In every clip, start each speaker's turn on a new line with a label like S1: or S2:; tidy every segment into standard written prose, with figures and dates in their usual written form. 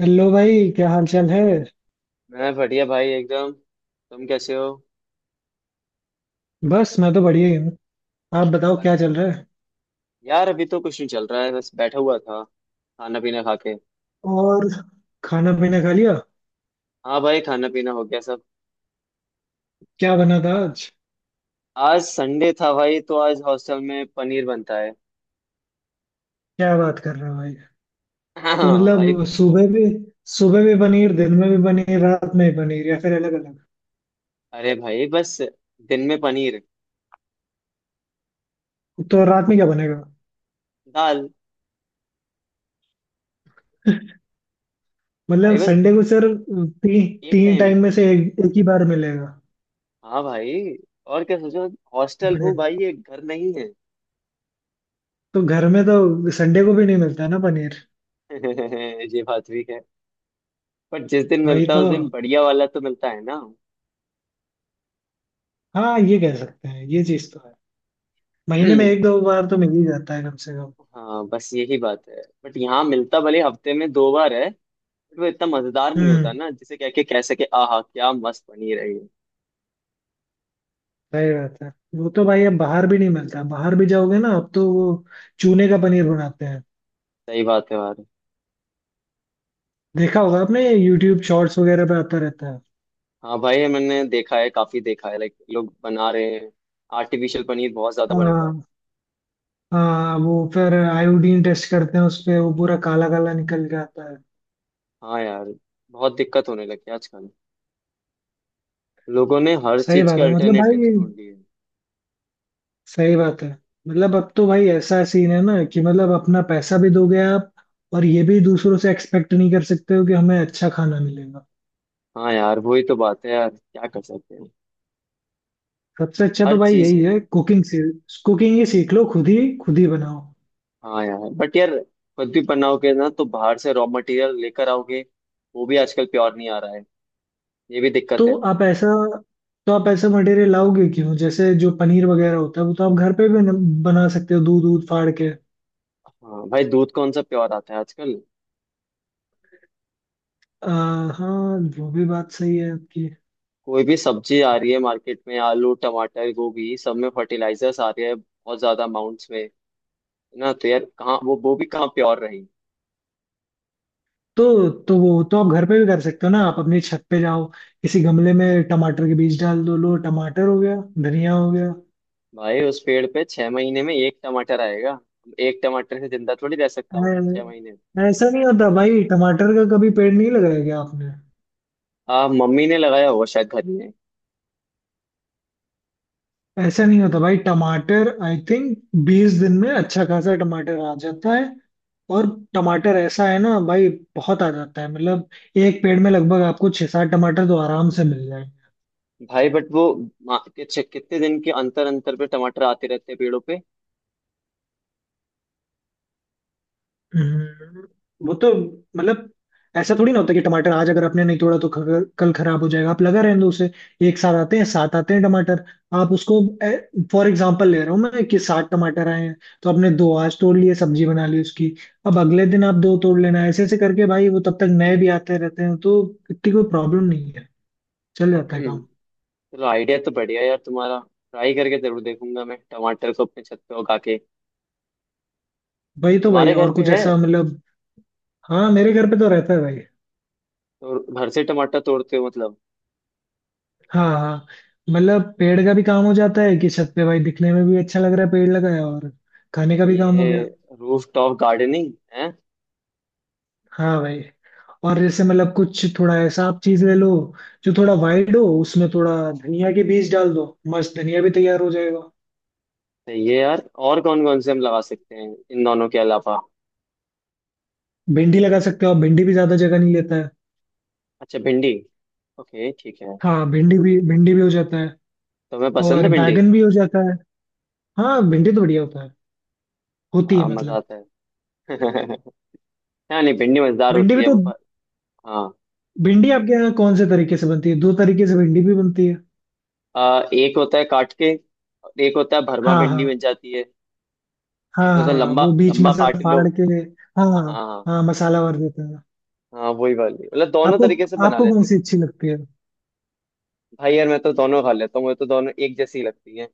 S1: Hello भाई, क्या हाल चाल है।
S2: मैं बढ़िया भाई एकदम। तुम कैसे हो?
S1: बस मैं तो बढ़िया ही हूँ। आप बताओ क्या
S2: अच्छा।
S1: चल रहा है।
S2: यार अभी तो कुछ नहीं चल रहा है, बस बैठा हुआ था, खाना पीना खा के।
S1: और खाना पीना खा लिया?
S2: हाँ भाई, खाना पीना हो गया सब।
S1: क्या बना था आज?
S2: आज संडे था भाई, तो आज हॉस्टल में पनीर बनता है।
S1: क्या बात कर रहे हो भाई। तो
S2: हाँ भाई।
S1: मतलब सुबह भी पनीर, दिन में भी पनीर, रात में भी पनीर, या फिर अलग अलग।
S2: अरे भाई बस, दिन में पनीर।
S1: तो रात में क्या बनेगा?
S2: दाल।
S1: मतलब
S2: भाई बस,
S1: संडे को सर।
S2: एक
S1: तीन
S2: टाइम।
S1: टाइम में से एक ही बार मिलेगा।
S2: हाँ भाई। और क्या सोचो, हॉस्टल हूँ
S1: बड़े।
S2: भाई, ये घर नहीं है।
S1: तो घर में तो संडे को भी नहीं मिलता ना पनीर।
S2: ये बात भी है। पर जिस दिन
S1: वही
S2: मिलता है
S1: तो।
S2: उस दिन बढ़िया वाला तो मिलता है ना।
S1: हाँ, ये कह सकते हैं, ये चीज तो है। महीने में एक दो बार तो मिल ही जाता है कम से कम।
S2: हाँ बस यही बात है, बट यहाँ मिलता भले हफ्ते में दो बार है, बट वो इतना मजेदार नहीं होता
S1: हम्म।
S2: ना जिसे कह के कह सके आहा क्या मस्त बनी रही है।
S1: सही बात है। वो तो भाई, अब बाहर भी नहीं मिलता। बाहर भी जाओगे ना, अब तो वो चूने का पनीर बनाते हैं।
S2: सही बात है यार।
S1: देखा होगा आपने, यूट्यूब शॉर्ट्स वगैरह पे आता रहता है।
S2: हाँ भाई, मैंने देखा है, काफी देखा है, लाइक लोग बना रहे हैं। आर्टिफिशियल पनीर बहुत ज्यादा बन रहा है।
S1: हाँ, हाँ, वो फिर आयोडीन टेस्ट करते हैं उस पे, वो पूरा काला काला निकल के आता है।
S2: हाँ यार, बहुत दिक्कत होने लगी है आजकल। लोगों ने हर
S1: सही
S2: चीज
S1: बात
S2: के
S1: है मतलब भाई।
S2: अल्टरनेटिव्स ढूंढ लिए।
S1: सही बात है। मतलब अब तो भाई ऐसा सीन है ना कि मतलब अपना पैसा भी दोगे आप, और ये भी दूसरों से एक्सपेक्ट नहीं कर सकते हो कि हमें अच्छा खाना मिलेगा।
S2: हाँ यार, वही तो बात है यार, क्या कर सकते हैं।
S1: सबसे अच्छा तो
S2: हर
S1: भाई
S2: चीज
S1: यही
S2: है।
S1: है, कुकिंग से कुकिंग ही सीख लो, खुद ही बनाओ।
S2: हाँ यार बट यार, खुद भी बनाओगे ना तो बाहर से रॉ मटेरियल लेकर आओगे। वो भी आजकल प्योर नहीं आ रहा है। ये भी
S1: तो
S2: दिक्कत है।
S1: आप ऐसा तो आप ऐसा मटेरियल लाओगे क्यों, जैसे जो पनीर वगैरह होता है वो तो आप घर पे भी बना सकते हो, दूध दूध फाड़ के।
S2: हाँ भाई, दूध कौन सा प्योर आता है आजकल।
S1: आ, हाँ, वो भी बात सही है आपकी।
S2: कोई भी सब्जी आ रही है मार्केट में, आलू टमाटर गोभी, सब में फर्टिलाइजर्स आ रहे हैं बहुत ज्यादा अमाउंट्स में है। ना तो यार कहाँ वो भी कहाँ प्योर रही।
S1: तो वो तो आप घर पे भी कर सकते हो ना, आप अपनी छत पे जाओ। किसी गमले में टमाटर के बीज डाल दो, लो टमाटर हो गया, धनिया हो गया।
S2: भाई उस पेड़ पे छह महीने में एक टमाटर आएगा। एक टमाटर से जिंदा थोड़ी रह सकता हूँ छह महीने।
S1: ऐसा नहीं होता भाई, टमाटर का कभी पेड़ नहीं लगाया क्या आपने?
S2: हाँ मम्मी ने लगाया होगा शायद घर में।
S1: ऐसा नहीं होता भाई। टमाटर आई थिंक 20 दिन में अच्छा खासा टमाटर आ जाता है। और टमाटर ऐसा है ना भाई, बहुत आ जाता है मतलब। एक पेड़ में लगभग आपको छह सात टमाटर तो आराम से मिल जाएंगे।
S2: भाई बट वो कितने दिन के अंतर अंतर पे टमाटर आते रहते हैं पेड़ों पे?
S1: हम्म, वो तो मतलब, ऐसा थोड़ी ना होता कि टमाटर आज अगर आपने नहीं तोड़ा तो कल खराब हो जाएगा, आप लगा रहने दो उसे। एक साथ आते हैं, सात आते हैं टमाटर। आप उसको फॉर एग्जाम्पल ले रहा हूँ मैं कि सात टमाटर आए हैं। तो आपने दो आज तोड़ लिए, सब्जी बना ली उसकी। अब अगले दिन आप दो तोड़ लेना, ऐसे ऐसे करके भाई वो तब तक नए भी आते रहते हैं, तो इतनी कोई प्रॉब्लम नहीं है। चल जाता है
S2: हम्म,
S1: काम।
S2: चलो आइडिया तो बढ़िया है यार तुम्हारा। ट्राई करके जरूर देखूंगा मैं, टमाटर को अपने छत पे उगा के।
S1: वही तो भाई,
S2: तुम्हारे घर
S1: और
S2: पे
S1: कुछ
S2: है?
S1: ऐसा मतलब। हाँ, मेरे घर पे तो रहता है भाई।
S2: तो घर से टमाटर तोड़ते हो मतलब?
S1: हाँ, हाँ, मतलब पेड़ का भी काम हो जाता है कि छत पे भाई दिखने में भी अच्छा लग रहा है, पेड़ लगाया, और खाने का भी काम हो
S2: ये
S1: गया।
S2: रूफ टॉप गार्डनिंग है।
S1: हाँ भाई। और जैसे मतलब कुछ थोड़ा ऐसा आप चीज ले लो, जो थोड़ा वाइड हो, उसमें थोड़ा धनिया के बीज डाल दो, मस्त धनिया भी तैयार हो जाएगा।
S2: सही है यार। और कौन कौन से हम लगा सकते हैं इन दोनों के अलावा?
S1: भिंडी लगा सकते हो आप, भिंडी भी ज्यादा जगह नहीं लेता है।
S2: अच्छा, भिंडी। ओके ठीक है।
S1: हाँ, भिंडी भी हो जाता है,
S2: तुम्हें पसंद
S1: और
S2: है भिंडी?
S1: बैगन भी हो जाता है। हाँ, भिंडी तो बढ़िया होता है, होती है
S2: मजा
S1: मतलब।
S2: आता है। हाँ नहीं, भिंडी मजेदार
S1: भिंडी
S2: होती
S1: भी
S2: है।
S1: तो।
S2: वो हाँ।
S1: भिंडी आपके यहाँ कौन से तरीके से बनती है? दो तरीके से भिंडी भी बनती है।
S2: एक होता है काट के, और एक होता है भरमा
S1: हाँ,
S2: भिंडी
S1: हाँ,
S2: बन जाती है।
S1: हाँ,
S2: जैसे
S1: हाँ,
S2: उसे
S1: हाँ,
S2: लंबा
S1: वो बीच में
S2: लंबा
S1: से
S2: काट लो।
S1: फाड़ के। हाँ, हाँ,
S2: हाँ।
S1: हाँ, मसाला भर देते हैं।
S2: हाँ वही वाली मतलब, दोनों
S1: आपको
S2: तरीके से बना
S1: आपको कौन
S2: लेती
S1: सी
S2: हूँ।
S1: अच्छी लगती है?
S2: भाई यार मैं तो दोनों खा लेता हूँ, मुझे तो दोनों एक जैसी लगती है।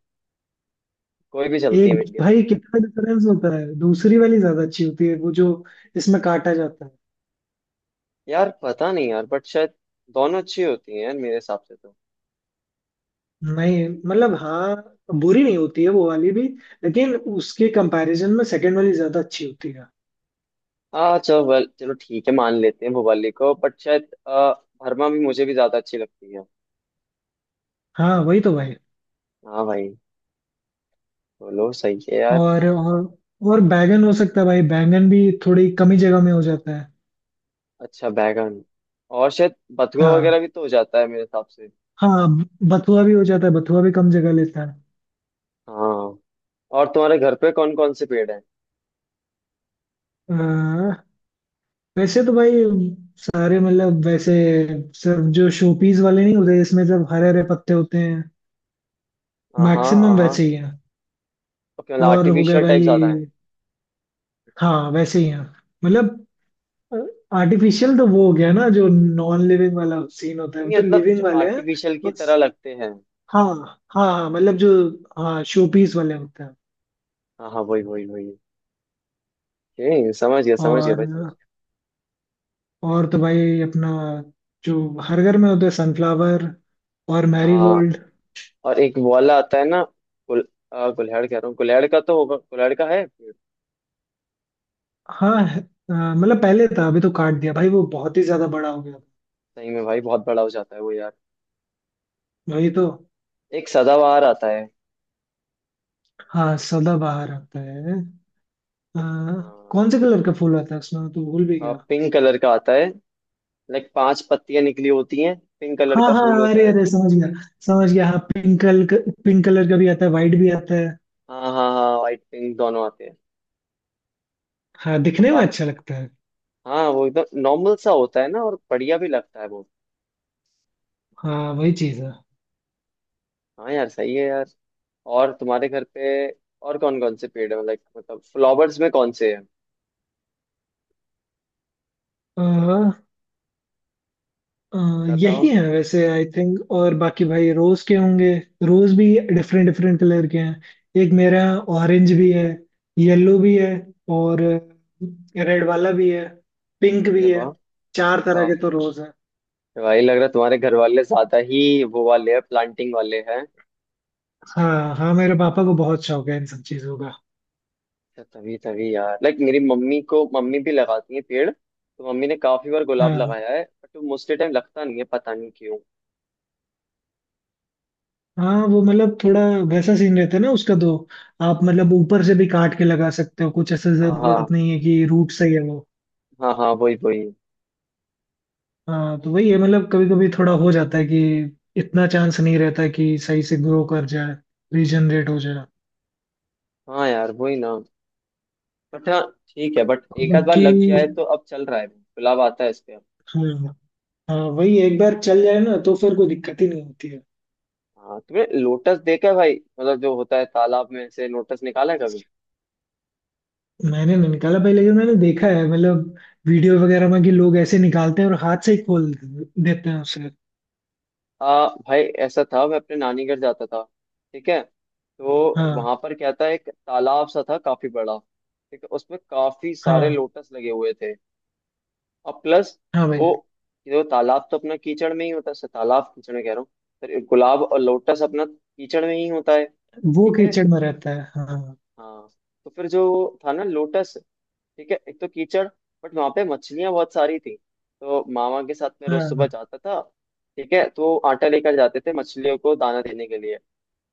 S2: कोई भी चलती है,
S1: एक
S2: इंडिया तो।
S1: भाई, कितना डिफरेंस होता है, दूसरी वाली ज्यादा अच्छी होती है, वो जो इसमें काटा जाता है।
S2: यार पता नहीं यार, बट शायद दोनों अच्छी होती हैं यार मेरे हिसाब से तो।
S1: नहीं, मतलब हाँ, बुरी नहीं होती है वो वाली भी। लेकिन उसके कंपैरिजन में सेकंड वाली ज्यादा अच्छी होती है।
S2: हाँ चलो चलो ठीक है, मान लेते हैं भोपाली को, बट शायद भरमा भी मुझे भी ज्यादा अच्छी लगती है।
S1: हाँ वही तो भाई।
S2: हाँ भाई, बोलो सही है यार।
S1: और और और बैंगन हो सकता है भाई, बैंगन भी थोड़ी कम ही जगह में हो जाता है।
S2: अच्छा बैगन। और शायद बथुआ
S1: हाँ,
S2: वगैरह भी तो हो जाता है मेरे हिसाब से।
S1: हाँ, बथुआ भी हो जाता है, बथुआ भी कम जगह लेता
S2: हाँ। और तुम्हारे घर पे कौन कौन से पेड़ हैं?
S1: है। वैसे तो भाई सारे मतलब, वैसे सिर्फ जो शोपीस वाले नहीं होते, इसमें सिर्फ हरे हरे पत्ते होते हैं।
S2: हाँ
S1: मैक्सिमम
S2: हाँ हाँ।
S1: वैसे ही हैं,
S2: ओके, मतलब
S1: और हो गए
S2: आर्टिफिशियल
S1: भाई।
S2: टाइप ज्यादा है।
S1: हाँ, वैसे ही हैं मतलब। आर्टिफिशियल तो वो हो गया ना जो नॉन लिविंग वाला सीन होता है, वो
S2: नहीं
S1: तो
S2: मतलब
S1: लिविंग
S2: जो
S1: वाले हैं।
S2: आर्टिफिशियल की
S1: बस,
S2: तरह लगते हैं।
S1: हाँ, हाँ, हाँ मतलब जो, हाँ शोपीस वाले होते हैं।
S2: हाँ हाँ, वही वही वही। ओके, समझ गया भाई, समझ
S1: और और तो भाई अपना, जो हर घर में होते हैं, सनफ्लावर और
S2: गया। हाँ।
S1: मैरीगोल्ड।
S2: और एक वो वाला आता है ना, गुल, गुल्हाड़ कह रहा हूँ। गुल्हाड़ का तो होगा, गुल्हाड़ का है पेड़?
S1: हाँ, मतलब पहले था, अभी तो काट दिया भाई, वो बहुत ही ज्यादा बड़ा हो गया।
S2: सही में भाई, बहुत बड़ा हो जाता है वो यार।
S1: वही तो।
S2: एक सदाबहार आता है।
S1: हाँ, सदाबहार आता है। अ, कौन
S2: हाँ।
S1: से कलर का फूल आता है उसमें, तो भूल भी गया।
S2: पिंक कलर का आता है। लाइक पांच पत्तियां निकली होती हैं, पिंक कलर
S1: हाँ,
S2: का फूल
S1: हाँ,
S2: होता
S1: अरे,
S2: है।
S1: अरे, समझ गया, समझ गया, हाँ पिंक कलर, पिंक कलर का भी आता है, वाइट भी आता है।
S2: हाँ हाँ हाँ, वाइट पिंक दोनों आते हैं।
S1: हाँ,
S2: वो
S1: दिखने में
S2: काफ,
S1: अच्छा लगता है।
S2: हाँ वो एकदम नॉर्मल सा होता है ना, और बढ़िया भी लगता है वो।
S1: हाँ वही चीज
S2: हाँ यार, सही है यार। और तुम्हारे घर पे और कौन कौन से पेड़ है? लाइक मतलब फ्लावर्स में कौन से हैं?
S1: है। अ, यही
S2: बताओ।
S1: है वैसे आई थिंक, और बाकी भाई रोज के होंगे। रोज भी डिफरेंट डिफरेंट कलर के हैं, एक मेरा ऑरेंज भी है, येलो भी है, और रेड वाला भी है, पिंक भी
S2: अरे
S1: है।
S2: वाह!
S1: चार तरह के तो रोज है।
S2: भाई लग रहा है तुम्हारे घर वाले ज्यादा ही वो वाले हैं, प्लांटिंग वाले हैं।
S1: हाँ, हाँ, मेरे पापा को बहुत शौक है इन सब चीजों का।
S2: तो तभी तभी यार, लाइक मेरी मम्मी को, मम्मी भी लगाती है पेड़, तो मम्मी ने काफी बार गुलाब
S1: हाँ,
S2: लगाया है, बट वो मोस्टली टाइम लगता नहीं है, पता नहीं क्यों।
S1: हाँ, वो मतलब थोड़ा वैसा सीन रहता है ना उसका तो। आप मतलब ऊपर से भी काट के लगा सकते हो, कुछ ऐसा
S2: हाँ
S1: जरूरत
S2: हाँ।
S1: नहीं है कि रूट सही है वो।
S2: हाँ हाँ, वही वही।
S1: हाँ तो वही है मतलब, कभी कभी थोड़ा हो जाता है कि इतना चांस नहीं रहता है कि सही से ग्रो कर जाए, रीजनरेट हो जाए।
S2: हाँ यार, वही ना। बट हाँ, ठीक है, बट
S1: और
S2: एक आध बार
S1: बाकी।
S2: लग गया है तो अब चल रहा है, गुलाब आता है इस पे अब।
S1: हाँ, हाँ वही है, एक बार चल जाए ना तो फिर कोई दिक्कत ही नहीं होती है।
S2: हाँ तुमने लोटस देखा है भाई? मतलब जो होता है तालाब में से, लोटस निकाला है कभी?
S1: मैंने नहीं निकाला भाई, लेकिन मैंने देखा है मतलब, वीडियो वगैरह में, कि लोग ऐसे निकालते हैं और हाथ से ही खोल देते हैं उसे।
S2: भाई ऐसा था, मैं अपने नानी घर जाता था, ठीक है, तो
S1: हाँ,
S2: वहां पर क्या था एक तालाब सा था काफी बड़ा, ठीक है, उसमें काफी सारे
S1: हाँ,
S2: लोटस लगे हुए थे। और प्लस
S1: हाँ भाई,
S2: वो, जो तालाब तो अपना कीचड़ में ही होता है, तालाब कीचड़ में कह रहा हूँ, फिर गुलाब और लोटस अपना कीचड़ में ही होता है,
S1: वो
S2: ठीक है।
S1: कीचड़ में रहता है। हाँ,
S2: हाँ तो फिर जो था ना लोटस, ठीक है, एक तो कीचड़, बट वहां पे मछलियां बहुत सारी थी, तो मामा के साथ में रोज सुबह
S1: हाँ,
S2: जाता था, ठीक है, तो आटा लेकर जाते थे मछलियों को दाना देने के लिए,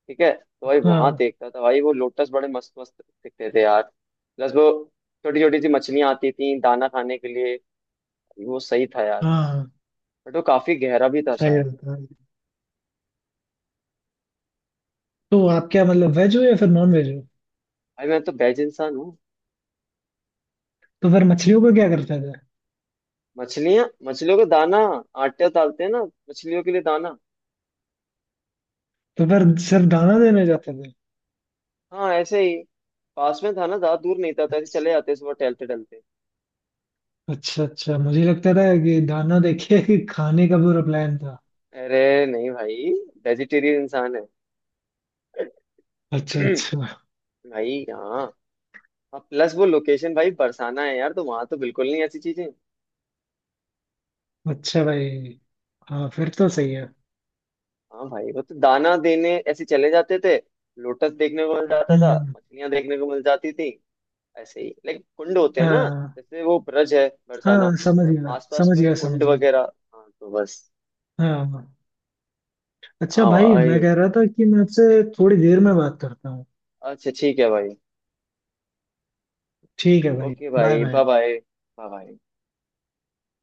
S2: ठीक है, तो भाई वहां
S1: हाँ,
S2: देखता था भाई वो लोटस बड़े मस्त मस्त दिखते थे यार। प्लस वो छोटी छोटी सी मछलियां आती थी दाना खाने के लिए, वो सही था यार।
S1: हाँ,
S2: बट वो काफी गहरा भी था
S1: सही
S2: शायद।
S1: रहता है। तो आप क्या मतलब, वेज हो या फिर नॉन वेज हो?
S2: भाई मैं तो बेज इंसान हूँ।
S1: तो फिर मछलियों को क्या करते थे?
S2: मछलियां, मछलियों को दाना, आटा डालते हैं ना मछलियों के लिए दाना।
S1: तो फिर सिर्फ दाना देने जाते थे?
S2: हाँ ऐसे ही, पास में था ना, ज्यादा दूर नहीं था, तो ऐसे चले जाते सुबह टहलते टहलते।
S1: अच्छा, अच्छा, मुझे लगता था कि दाना देके ही खाने का पूरा प्लान था।
S2: अरे नहीं भाई, वेजिटेरियन इंसान है।
S1: अच्छा, अच्छा।
S2: भाई यहाँ, और प्लस वो लोकेशन भाई बरसाना है यार, तो वहां तो बिल्कुल नहीं ऐसी चीजें।
S1: अच्छा भाई। हाँ फिर तो
S2: हाँ।
S1: सही है।
S2: हाँ भाई, वो तो दाना देने ऐसे चले जाते थे, लोटस देखने को मिल जाता
S1: हम्म,
S2: था, मछलियां देखने को मिल जाती थी। ऐसे ही लाइक कुंड होते हैं ना,
S1: हाँ,
S2: जैसे वो ब्रज है बरसाना,
S1: हाँ, समझ
S2: तो
S1: गया,
S2: आसपास
S1: समझ
S2: में
S1: गया,
S2: कुंड
S1: समझ गया।
S2: वगैरह, हाँ तो बस।
S1: हाँ, हाँ। अच्छा
S2: हाँ
S1: भाई, मैं
S2: भाई।
S1: कह रहा था कि मैं आपसे थोड़ी देर में बात करता हूँ।
S2: अच्छा ठीक है भाई।
S1: ठीक है भाई,
S2: ओके
S1: बाय
S2: भाई,
S1: बाय।
S2: Bye bye bye.